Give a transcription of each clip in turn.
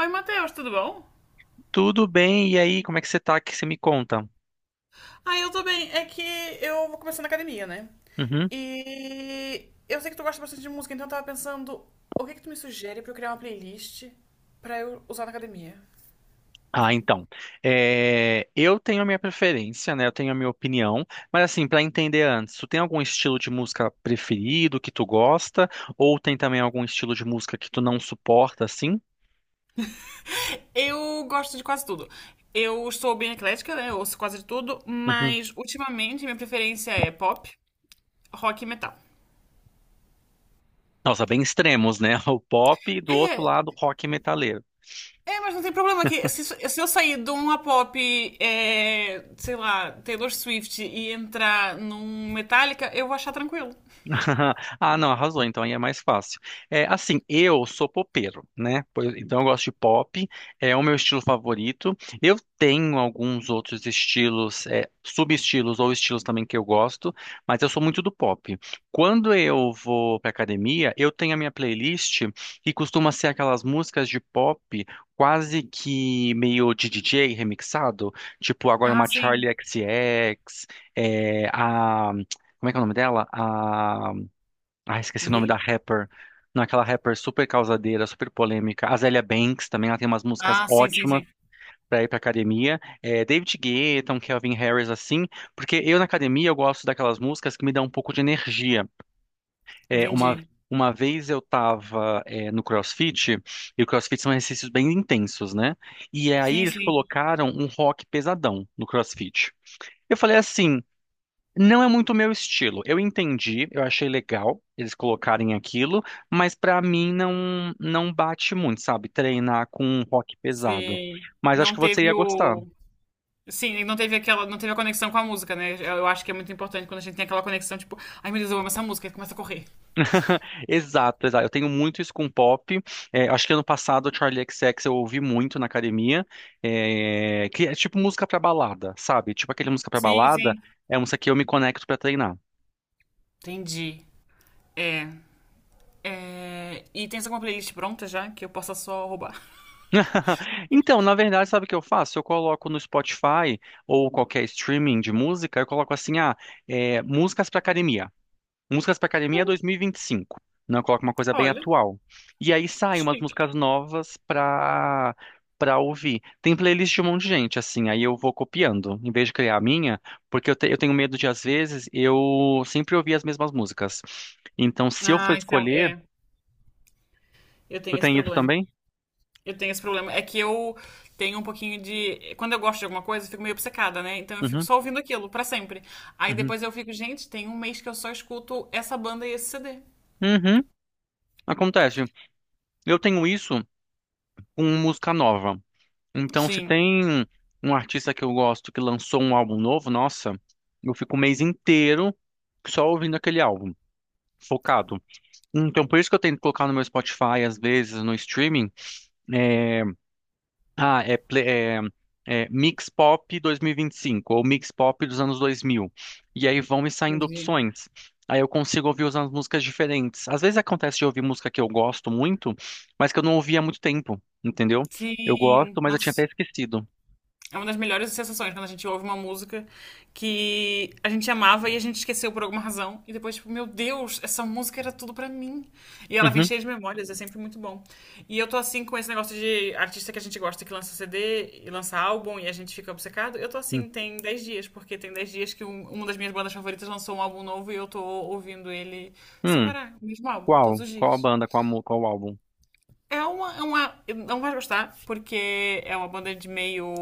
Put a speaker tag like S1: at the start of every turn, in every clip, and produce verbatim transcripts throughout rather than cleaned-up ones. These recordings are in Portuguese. S1: Oi, Matheus, tudo bom?
S2: Tudo bem, e aí, como é que você tá? Que você me conta?
S1: Ah, eu tô bem. É que eu vou começar na academia, né?
S2: Uhum.
S1: E eu sei que tu gosta bastante de música, então eu tava pensando, o que que tu me sugere pra eu criar uma playlist pra eu usar na academia?
S2: Ah, então. É, eu tenho a minha preferência, né? Eu tenho a minha opinião, mas assim, pra entender antes, tu tem algum estilo de música preferido que tu gosta, ou tem também algum estilo de música que tu não suporta, assim?
S1: Eu gosto de quase tudo. Eu sou bem eclética, né? Eu ouço quase de tudo,
S2: Uhum.
S1: mas ultimamente minha preferência é pop, rock e metal.
S2: Nossa, bem extremos, né? O pop e do outro
S1: É,
S2: lado, o rock e.
S1: É, mas não tem problema que se, se eu sair de uma pop, é, sei lá, Taylor Swift e entrar num Metallica, eu vou achar tranquilo.
S2: Ah, não, arrasou, então aí é mais fácil. É, assim, eu sou popeiro, né? Pois- Então eu gosto de pop, é o meu estilo favorito. Eu tenho alguns outros estilos, é, subestilos ou estilos também que eu gosto, mas eu sou muito do pop. Quando eu vou pra academia, eu tenho a minha playlist que costuma ser aquelas músicas de pop quase que meio de D J remixado, tipo agora
S1: Ah,
S2: uma Charli
S1: sim.
S2: X, C X, é, a como é que é o nome dela? Ah, esqueci o nome da
S1: Billy?
S2: rapper. Naquela rapper super causadeira, super polêmica. Azealia Banks também, ela tem umas músicas
S1: Ah, sim, sim,
S2: ótimas
S1: sim.
S2: pra ir pra academia. É, David Guetta, um Calvin Harris, assim. Porque eu na academia eu gosto daquelas músicas que me dão um pouco de energia. É, uma,
S1: Entendi.
S2: uma vez eu tava, é, no CrossFit, e o CrossFit são exercícios bem intensos, né? E aí
S1: Sim,
S2: eles
S1: sim.
S2: colocaram um rock pesadão no CrossFit. Eu falei assim. Não é muito o meu estilo. Eu entendi, eu achei legal eles colocarem aquilo, mas pra mim não não bate muito, sabe? Treinar com um rock pesado.
S1: Sim.
S2: Mas acho que
S1: Não
S2: você ia
S1: teve
S2: gostar.
S1: o. Sim, não teve aquela, não teve a conexão com a música, né? Eu eu acho que é muito importante quando a gente tem aquela conexão, tipo, ai meu Deus, eu amo essa música, e começa a correr.
S2: Exato, exato. Eu tenho muito isso com pop. É, acho que ano passado o Charlie X X eu ouvi muito na academia, é, que é tipo música pra balada, sabe? Tipo aquele música pra
S1: Sim,
S2: balada
S1: sim.
S2: é um música que eu me conecto pra treinar.
S1: Entendi. É. É, e tens alguma playlist pronta já que eu possa só roubar?
S2: Então, na verdade, sabe o que eu faço? Eu coloco no Spotify ou qualquer streaming de música, eu coloco assim, ah, é, músicas para academia. Músicas para academia dois mil e vinte e cinco. Não, eu coloco uma coisa bem
S1: Olha,
S2: atual. E aí
S1: que
S2: saem umas
S1: chique.
S2: músicas novas para para ouvir. Tem playlist de um monte de gente, assim, aí eu vou copiando, em vez de criar a minha, porque eu, te- eu tenho medo de, às vezes, eu sempre ouvir as mesmas músicas. Então, se eu for
S1: Ah, isso é, um-
S2: escolher,
S1: é. Eu
S2: tu
S1: tenho esse
S2: tem isso
S1: problema.
S2: também?
S1: Eu tenho esse problema. É que eu tenho um pouquinho de. Quando eu gosto de alguma coisa, eu fico meio obcecada, né? Então eu fico
S2: Uhum,
S1: só ouvindo aquilo pra sempre. Aí
S2: uhum,
S1: depois eu fico, gente, tem um mês que eu só escuto essa banda e esse C D.
S2: uhum, acontece. Eu tenho isso. com música nova. Então, se
S1: Sim.
S2: tem um artista que eu gosto que lançou um álbum novo, nossa, eu fico o mês inteiro só ouvindo aquele álbum, focado. Então, por isso que eu tento colocar no meu Spotify, às vezes, no streaming, é, ah, é, ple- é, é Mix Pop dois mil e vinte e cinco ou Mix Pop dos anos dois mil. E aí vão me saindo
S1: Entendi.
S2: opções. Aí eu consigo ouvir umas músicas diferentes. Às vezes acontece de ouvir música que eu gosto muito, mas que eu não ouvi há muito tempo, entendeu? Eu gosto,
S1: Sim.
S2: mas eu tinha até
S1: Nossa.
S2: esquecido.
S1: É uma das melhores sensações quando a gente ouve uma música que a gente amava e a gente esqueceu por alguma razão. E depois, tipo, meu Deus, essa música era tudo pra mim. E ela vem
S2: Uhum.
S1: cheia de memórias, é sempre muito bom. E eu tô assim com esse negócio de artista que a gente gosta que lança C D e lança álbum e a gente fica obcecado. Eu tô
S2: Hum.
S1: assim, tem dez dias, porque tem dez dias que um- uma das minhas bandas favoritas lançou um álbum novo e eu tô ouvindo ele sem
S2: Hum.
S1: parar, o mesmo álbum, todos
S2: Qual?
S1: os
S2: Qual a
S1: dias.
S2: banda? Qual, a mu- qual o álbum?
S1: É uma, é uma. Não vai gostar, porque é uma banda de meio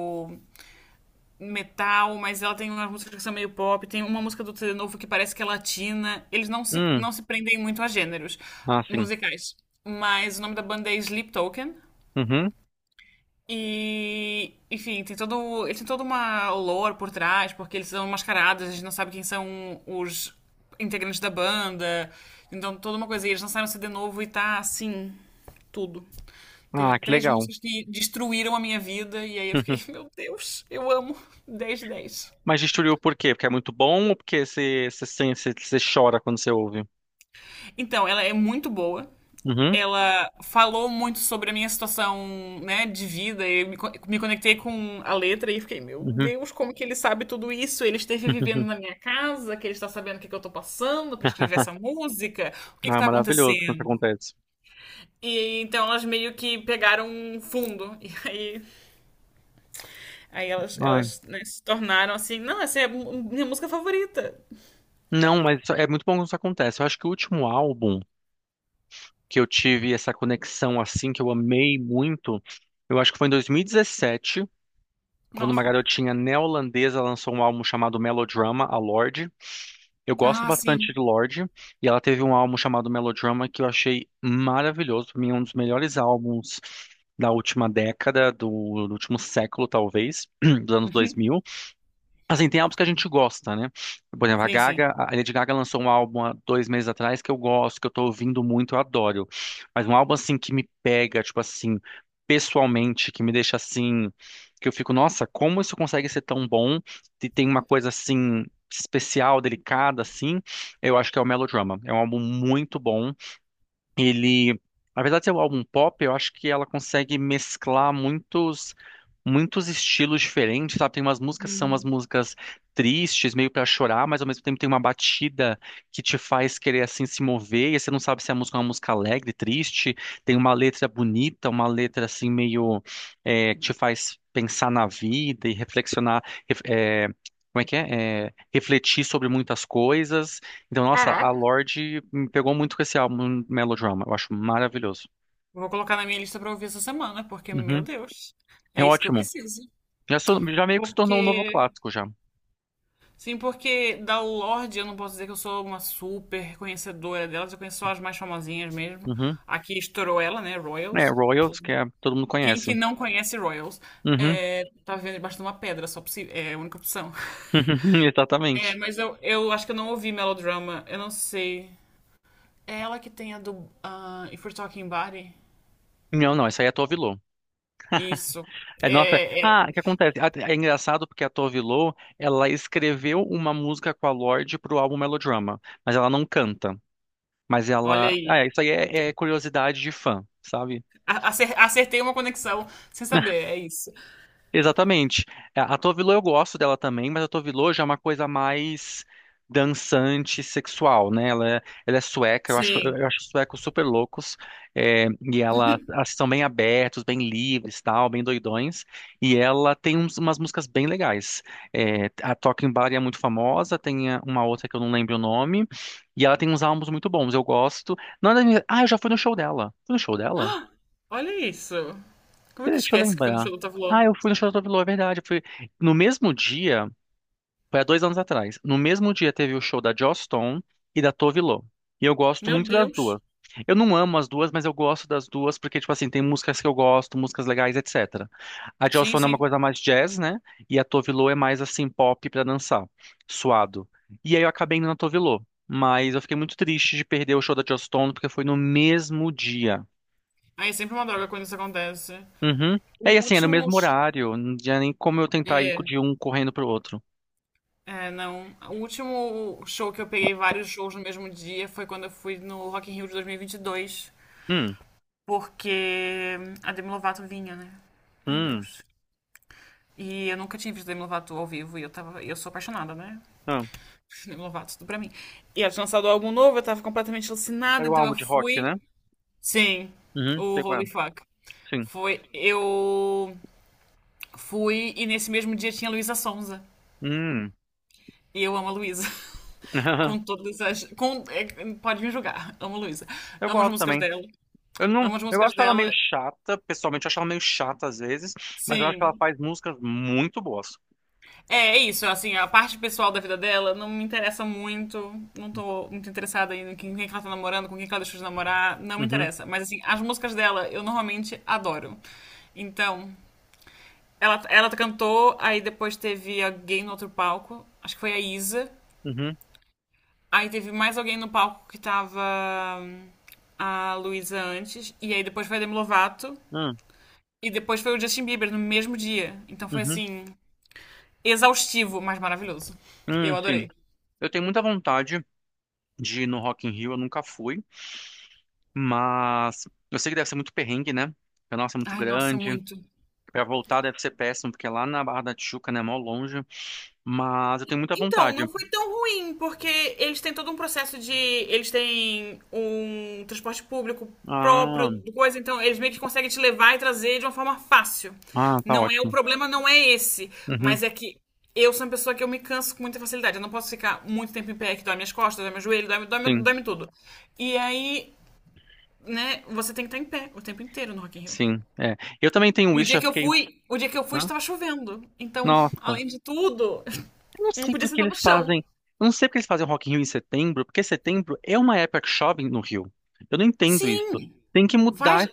S1: metal, mas ela tem umas músicas que são meio pop, tem uma música do C D novo que parece que é latina. Eles não se,
S2: Hum.
S1: não se prendem muito a gêneros
S2: Ah, sim.
S1: musicais. Mas o nome da banda é Sleep Token.
S2: Uhum.
S1: E, enfim, tem todo, ele tem toda uma lore por trás, porque eles são mascarados, a gente não sabe quem são os integrantes da banda. Então, toda uma coisa. E eles lançaram um C D novo e tá assim, tudo. Teve
S2: Ah, que
S1: três
S2: legal.
S1: músicas que destruíram a minha vida, e aí eu fiquei,
S2: Uhum.
S1: meu Deus, eu amo dez de dez.
S2: Mas destruiu por quê? Porque é muito bom ou porque você você sente- você- você chora quando você ouve?
S1: Então, ela é muito boa.
S2: Uhum.
S1: Ela falou muito sobre a minha situação, né, de vida. Eu me, co- me conectei com a letra e fiquei, meu
S2: Uhum.
S1: Deus, como que ele sabe tudo isso? Ele esteve vivendo na minha casa, que ele está sabendo o que que eu tô passando para escrever essa música. O que que
S2: Ah, é
S1: tá
S2: maravilhoso quando isso
S1: acontecendo?
S2: acontece.
S1: E então elas meio que pegaram um fundo. E aí, aí elas,
S2: Ai.
S1: elas, né, se tornaram assim, não, essa é a mu- minha música favorita.
S2: Não, mas isso- é muito bom quando isso acontece. Eu acho que o último álbum que eu tive essa conexão assim, que eu amei muito, eu acho que foi em dois mil e dezessete, quando uma
S1: Nossa.
S2: garotinha neozelandesa lançou um álbum chamado Melodrama, a Lorde. Eu gosto
S1: Ah,
S2: bastante
S1: sim.
S2: de Lorde, e ela teve um álbum chamado Melodrama que eu achei maravilhoso. Pra mim, é um dos melhores álbuns da última década, do, do último século, talvez, dos anos
S1: Uhum.
S2: dois mil. Assim, tem álbuns que a gente gosta, né? Por exemplo, a
S1: Sim, sim.
S2: Gaga, a Lady Gaga lançou um álbum há dois meses atrás que eu gosto, que eu tô ouvindo muito, eu adoro. Mas um álbum, assim, que me pega, tipo assim, pessoalmente, que me deixa assim, que eu fico, nossa, como isso consegue ser tão bom? E tem uma coisa, assim, especial, delicada, assim, eu acho que é o Melodrama. É um álbum muito bom, ele, apesar de ser um álbum pop, eu acho que ela consegue mesclar muitos muitos estilos diferentes, sabe? Tem umas músicas que são umas músicas tristes, meio pra chorar, mas ao mesmo tempo tem uma batida que te faz querer assim se mover, e você não sabe se a música é uma música alegre, triste, tem uma letra bonita, uma letra assim meio é, que te faz pensar na vida e reflexionar, ref- é, como é que é? É, refletir sobre muitas coisas. Então, nossa, a
S1: Caraca.
S2: Lorde me pegou muito com esse álbum Melodrama. Eu acho maravilhoso.
S1: Vou colocar na minha lista pra ouvir essa semana, porque, meu
S2: Uhum.
S1: Deus,
S2: É
S1: é isso que eu
S2: ótimo.
S1: preciso.
S2: Já, sou- já meio que se tornou um novo
S1: Porque,
S2: clássico já.
S1: sim, porque da Lorde eu não posso dizer que eu sou uma super conhecedora delas, eu conheço só as mais famosinhas mesmo.
S2: Uhum.
S1: Aqui estourou ela, né?
S2: É,
S1: Royals.
S2: Royals, que é, todo mundo
S1: Quem
S2: conhece.
S1: que não conhece Royals?
S2: Uhum.
S1: É, tá vendo debaixo de uma pedra, só possi- é a única opção. É,
S2: Exatamente.
S1: mas eu, eu acho que eu não ouvi Melodrama, eu não sei. É ela que tem a do ah, If We're Talking Body?
S2: Não, não, essa aí é a Tove Lo.
S1: Isso.
S2: É, nossa,
S1: É, é.
S2: ah,
S1: é.
S2: o que acontece? Ah, é engraçado porque a Tove Lo, ela escreveu uma música com a Lorde pro álbum Melodrama, mas ela não canta. Mas
S1: Olha
S2: ela, ah,
S1: aí.
S2: é, isso aí é, é curiosidade de fã, sabe?
S1: A- Acer- Acertei uma conexão sem saber, é isso.
S2: Exatamente. A a Tovilo eu gosto dela também, mas a Tovilo já é uma coisa mais dançante, sexual, né? Ela é, ela é sueca, eu acho,
S1: Sim.
S2: eu acho os suecos super loucos, é, e ela, elas são bem abertos, bem livres, tal, bem doidões, e ela tem uns- umas músicas bem legais. É, a Talking Bar é muito famosa, tem a- uma outra que eu não lembro o nome, e ela tem uns álbuns muito bons, eu gosto. Não, é da minha- ah, eu já fui no show dela. Fui no show dela?
S1: Olha isso. Como é que
S2: Peraí, deixa eu
S1: esquece que foi no
S2: lembrar.
S1: show do Tavlô?
S2: Ah, eu fui no show da Tove Lo, é verdade. eu Fui... No mesmo dia, foi há dois anos atrás, no mesmo dia teve o show da Joss Stone e da Tove Lo. E eu gosto
S1: Meu
S2: muito das
S1: Deus.
S2: duas. Eu não amo as duas, mas eu gosto das duas porque, tipo assim, tem músicas que eu gosto, músicas legais, etcétera. A Joss
S1: Sim,
S2: Stone é uma
S1: sim.
S2: coisa mais jazz, né? E a Tove Lo é mais, assim, pop pra dançar, suado. E aí eu acabei indo na Tove Lo. Mas eu fiquei muito triste de perder o show da Joss Stone porque foi no mesmo dia.
S1: Aí é sempre uma droga quando isso acontece.
S2: Uhum. É, e
S1: O
S2: assim, é no
S1: último
S2: mesmo
S1: sh-
S2: horário, não tinha nem como eu tentar ir
S1: É,
S2: de um correndo pro outro.
S1: é, não. O último show que eu peguei vários shows no mesmo dia foi quando eu fui no Rock in Rio de dois mil e e vinte e dois,
S2: Hum,
S1: porque a Demi Lovato vinha, né? Meu
S2: hum,
S1: Deus. E eu nunca tinha visto a Demi Lovato ao vivo e eu tava, eu sou apaixonada, né?
S2: ah.
S1: Demi Lovato, tudo pra mim. E ela tinha lançado um álbum novo, eu tava completamente alucinada,
S2: Era o
S1: então
S2: álbum
S1: eu
S2: de rock, né?
S1: fui. Sim,
S2: Uhum,
S1: o
S2: sei qual
S1: Holy
S2: é.
S1: Fuck.
S2: Sim.
S1: Foi. Eu fui e nesse mesmo dia tinha Luísa Sonza.
S2: Hum.
S1: E eu amo a Luísa. Com todas as. Com, é, pode me julgar. Amo a Luísa.
S2: Eu
S1: Amo as
S2: gosto
S1: músicas
S2: também.
S1: dela.
S2: Eu não,
S1: Amo as
S2: eu
S1: músicas
S2: acho ela meio
S1: dela.
S2: chata, pessoalmente eu acho ela meio chata às vezes, mas eu acho que ela
S1: Sim.
S2: faz músicas muito boas.
S1: É é isso, assim, a parte pessoal da vida dela não me interessa muito. Não tô muito interessada em quem, quem que ela tá namorando, com quem que ela deixou de namorar, não me
S2: Uhum,
S1: interessa. Mas assim, as músicas dela eu normalmente adoro. Então, ela, ela cantou, aí depois teve alguém no outro palco, acho que foi a Isa.
S2: uhum,
S1: Aí teve mais alguém no palco que tava hum, a Luísa antes, e aí depois foi a Demi Lovato,
S2: hum,
S1: e depois foi o Justin Bieber no mesmo dia. Então foi
S2: uhum,
S1: assim, exaustivo, mas maravilhoso. Eu
S2: hum, sim.
S1: adorei.
S2: Eu tenho muita vontade de ir no Rock in Rio, eu nunca fui, mas eu sei que deve ser muito perrengue, né? Porque, nossa, é muito
S1: Ai, nossa,
S2: grande.
S1: muito.
S2: Pra voltar deve ser péssimo, porque é lá na Barra da Tijuca, né? Mó longe. Mas eu tenho muita
S1: Então,
S2: vontade.
S1: não foi tão ruim, porque eles têm todo um processo de. Eles têm um transporte público próprio,
S2: Ah,
S1: do coisa, então eles meio que conseguem te levar e trazer de uma forma fácil.
S2: ah, tá
S1: Não é o
S2: ótimo.
S1: problema, não é esse.
S2: Uhum,
S1: Mas é que eu sou uma pessoa que eu me canso com muita facilidade. Eu não posso ficar muito tempo em pé, que dói minhas costas, dói meu joelho, dói, dói,
S2: sim,
S1: dói tudo. E aí, né, você tem que estar em pé o tempo inteiro no Rock in Rio.
S2: sim. É. Eu também tenho
S1: E o
S2: isso,
S1: dia
S2: já
S1: que eu
S2: fiquei.
S1: fui, o dia que eu fui
S2: Hã?
S1: estava chovendo. Então,
S2: Nossa,
S1: além de tudo,
S2: eu não
S1: não
S2: sei
S1: podia
S2: porque
S1: sentar no
S2: eles
S1: chão.
S2: fazem. Eu não sei porque eles fazem Rock in Rio em setembro, porque setembro é uma época que chove no Rio. Eu não entendo isso.
S1: Sim.
S2: Tem que mudar.
S1: Faz,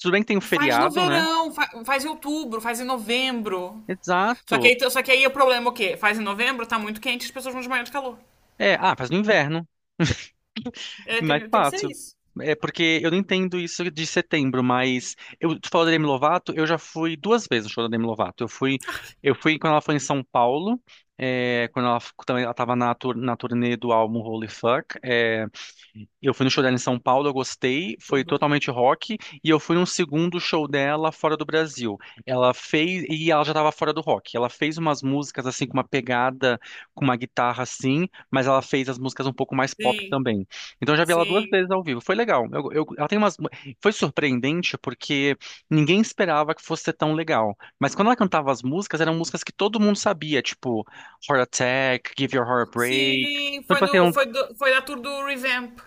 S2: Tudo bem que tem um
S1: faz no
S2: feriado, né?
S1: verão, fa- faz, em outubro, faz em novembro. Só que,
S2: Exato.
S1: aí, só que aí o problema é o quê? Faz em novembro, tá muito quente, as pessoas vão desmaiar de calor.
S2: É, ah, faz no inverno.
S1: É,
S2: Mais
S1: tem, tem que ser
S2: fácil.
S1: isso.
S2: É porque eu não entendo isso de setembro, mas eu tu falou da Demi Lovato, eu já fui duas vezes no show da Demi Lovato. Eu fui, eu fui quando ela foi em São Paulo, é, quando ela f- também ela estava na, tur- na turnê do álbum Holy Fuck. É, eu fui no show dela em São Paulo, eu gostei, foi
S1: Tudo.
S2: totalmente rock, e eu fui num segundo show dela fora do Brasil. Ela fez, e ela já estava fora do rock. Ela fez umas músicas assim com uma pegada, com uma guitarra assim, mas ela fez as músicas um pouco mais pop
S1: Sim,
S2: também. Então eu já vi ela duas
S1: sim.
S2: vezes ao vivo. Foi legal. Eu- eu- ela tem umas, foi surpreendente porque ninguém esperava que fosse ser tão legal. Mas quando ela cantava as músicas, eram músicas que todo mundo sabia, tipo Heart Attack, Give Your Heart a Break.
S1: Sim,
S2: Então,
S1: foi,
S2: tipo
S1: no,
S2: assim,
S1: foi, do, foi da tour do Revamp.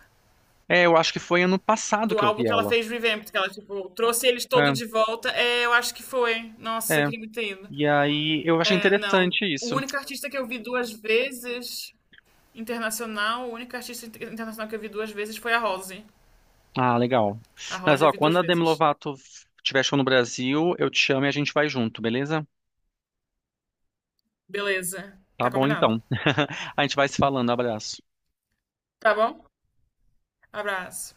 S2: é, eu acho que foi ano passado
S1: Do
S2: que eu
S1: álbum
S2: vi
S1: que ela
S2: ela.
S1: fez Revamp, que ela, tipo, trouxe eles todos
S2: É,
S1: de volta. É, eu acho que foi. Nossa, eu
S2: é.
S1: queria muito ter ido.
S2: E aí eu achei
S1: É, não.
S2: interessante
S1: O
S2: isso.
S1: único artista que eu vi duas vezes Internacional, a única artista inter- internacional que eu vi duas vezes foi a Rose.
S2: Ah, legal.
S1: A
S2: Mas
S1: Rose eu
S2: ó,
S1: vi
S2: quando
S1: duas
S2: a Demi
S1: vezes.
S2: Lovato tiver show no Brasil, eu te chamo e a gente vai junto, beleza?
S1: Beleza.
S2: Tá
S1: Tá
S2: bom
S1: combinado.
S2: então. A gente vai se falando. Abraço.
S1: Tá bom? Abraço.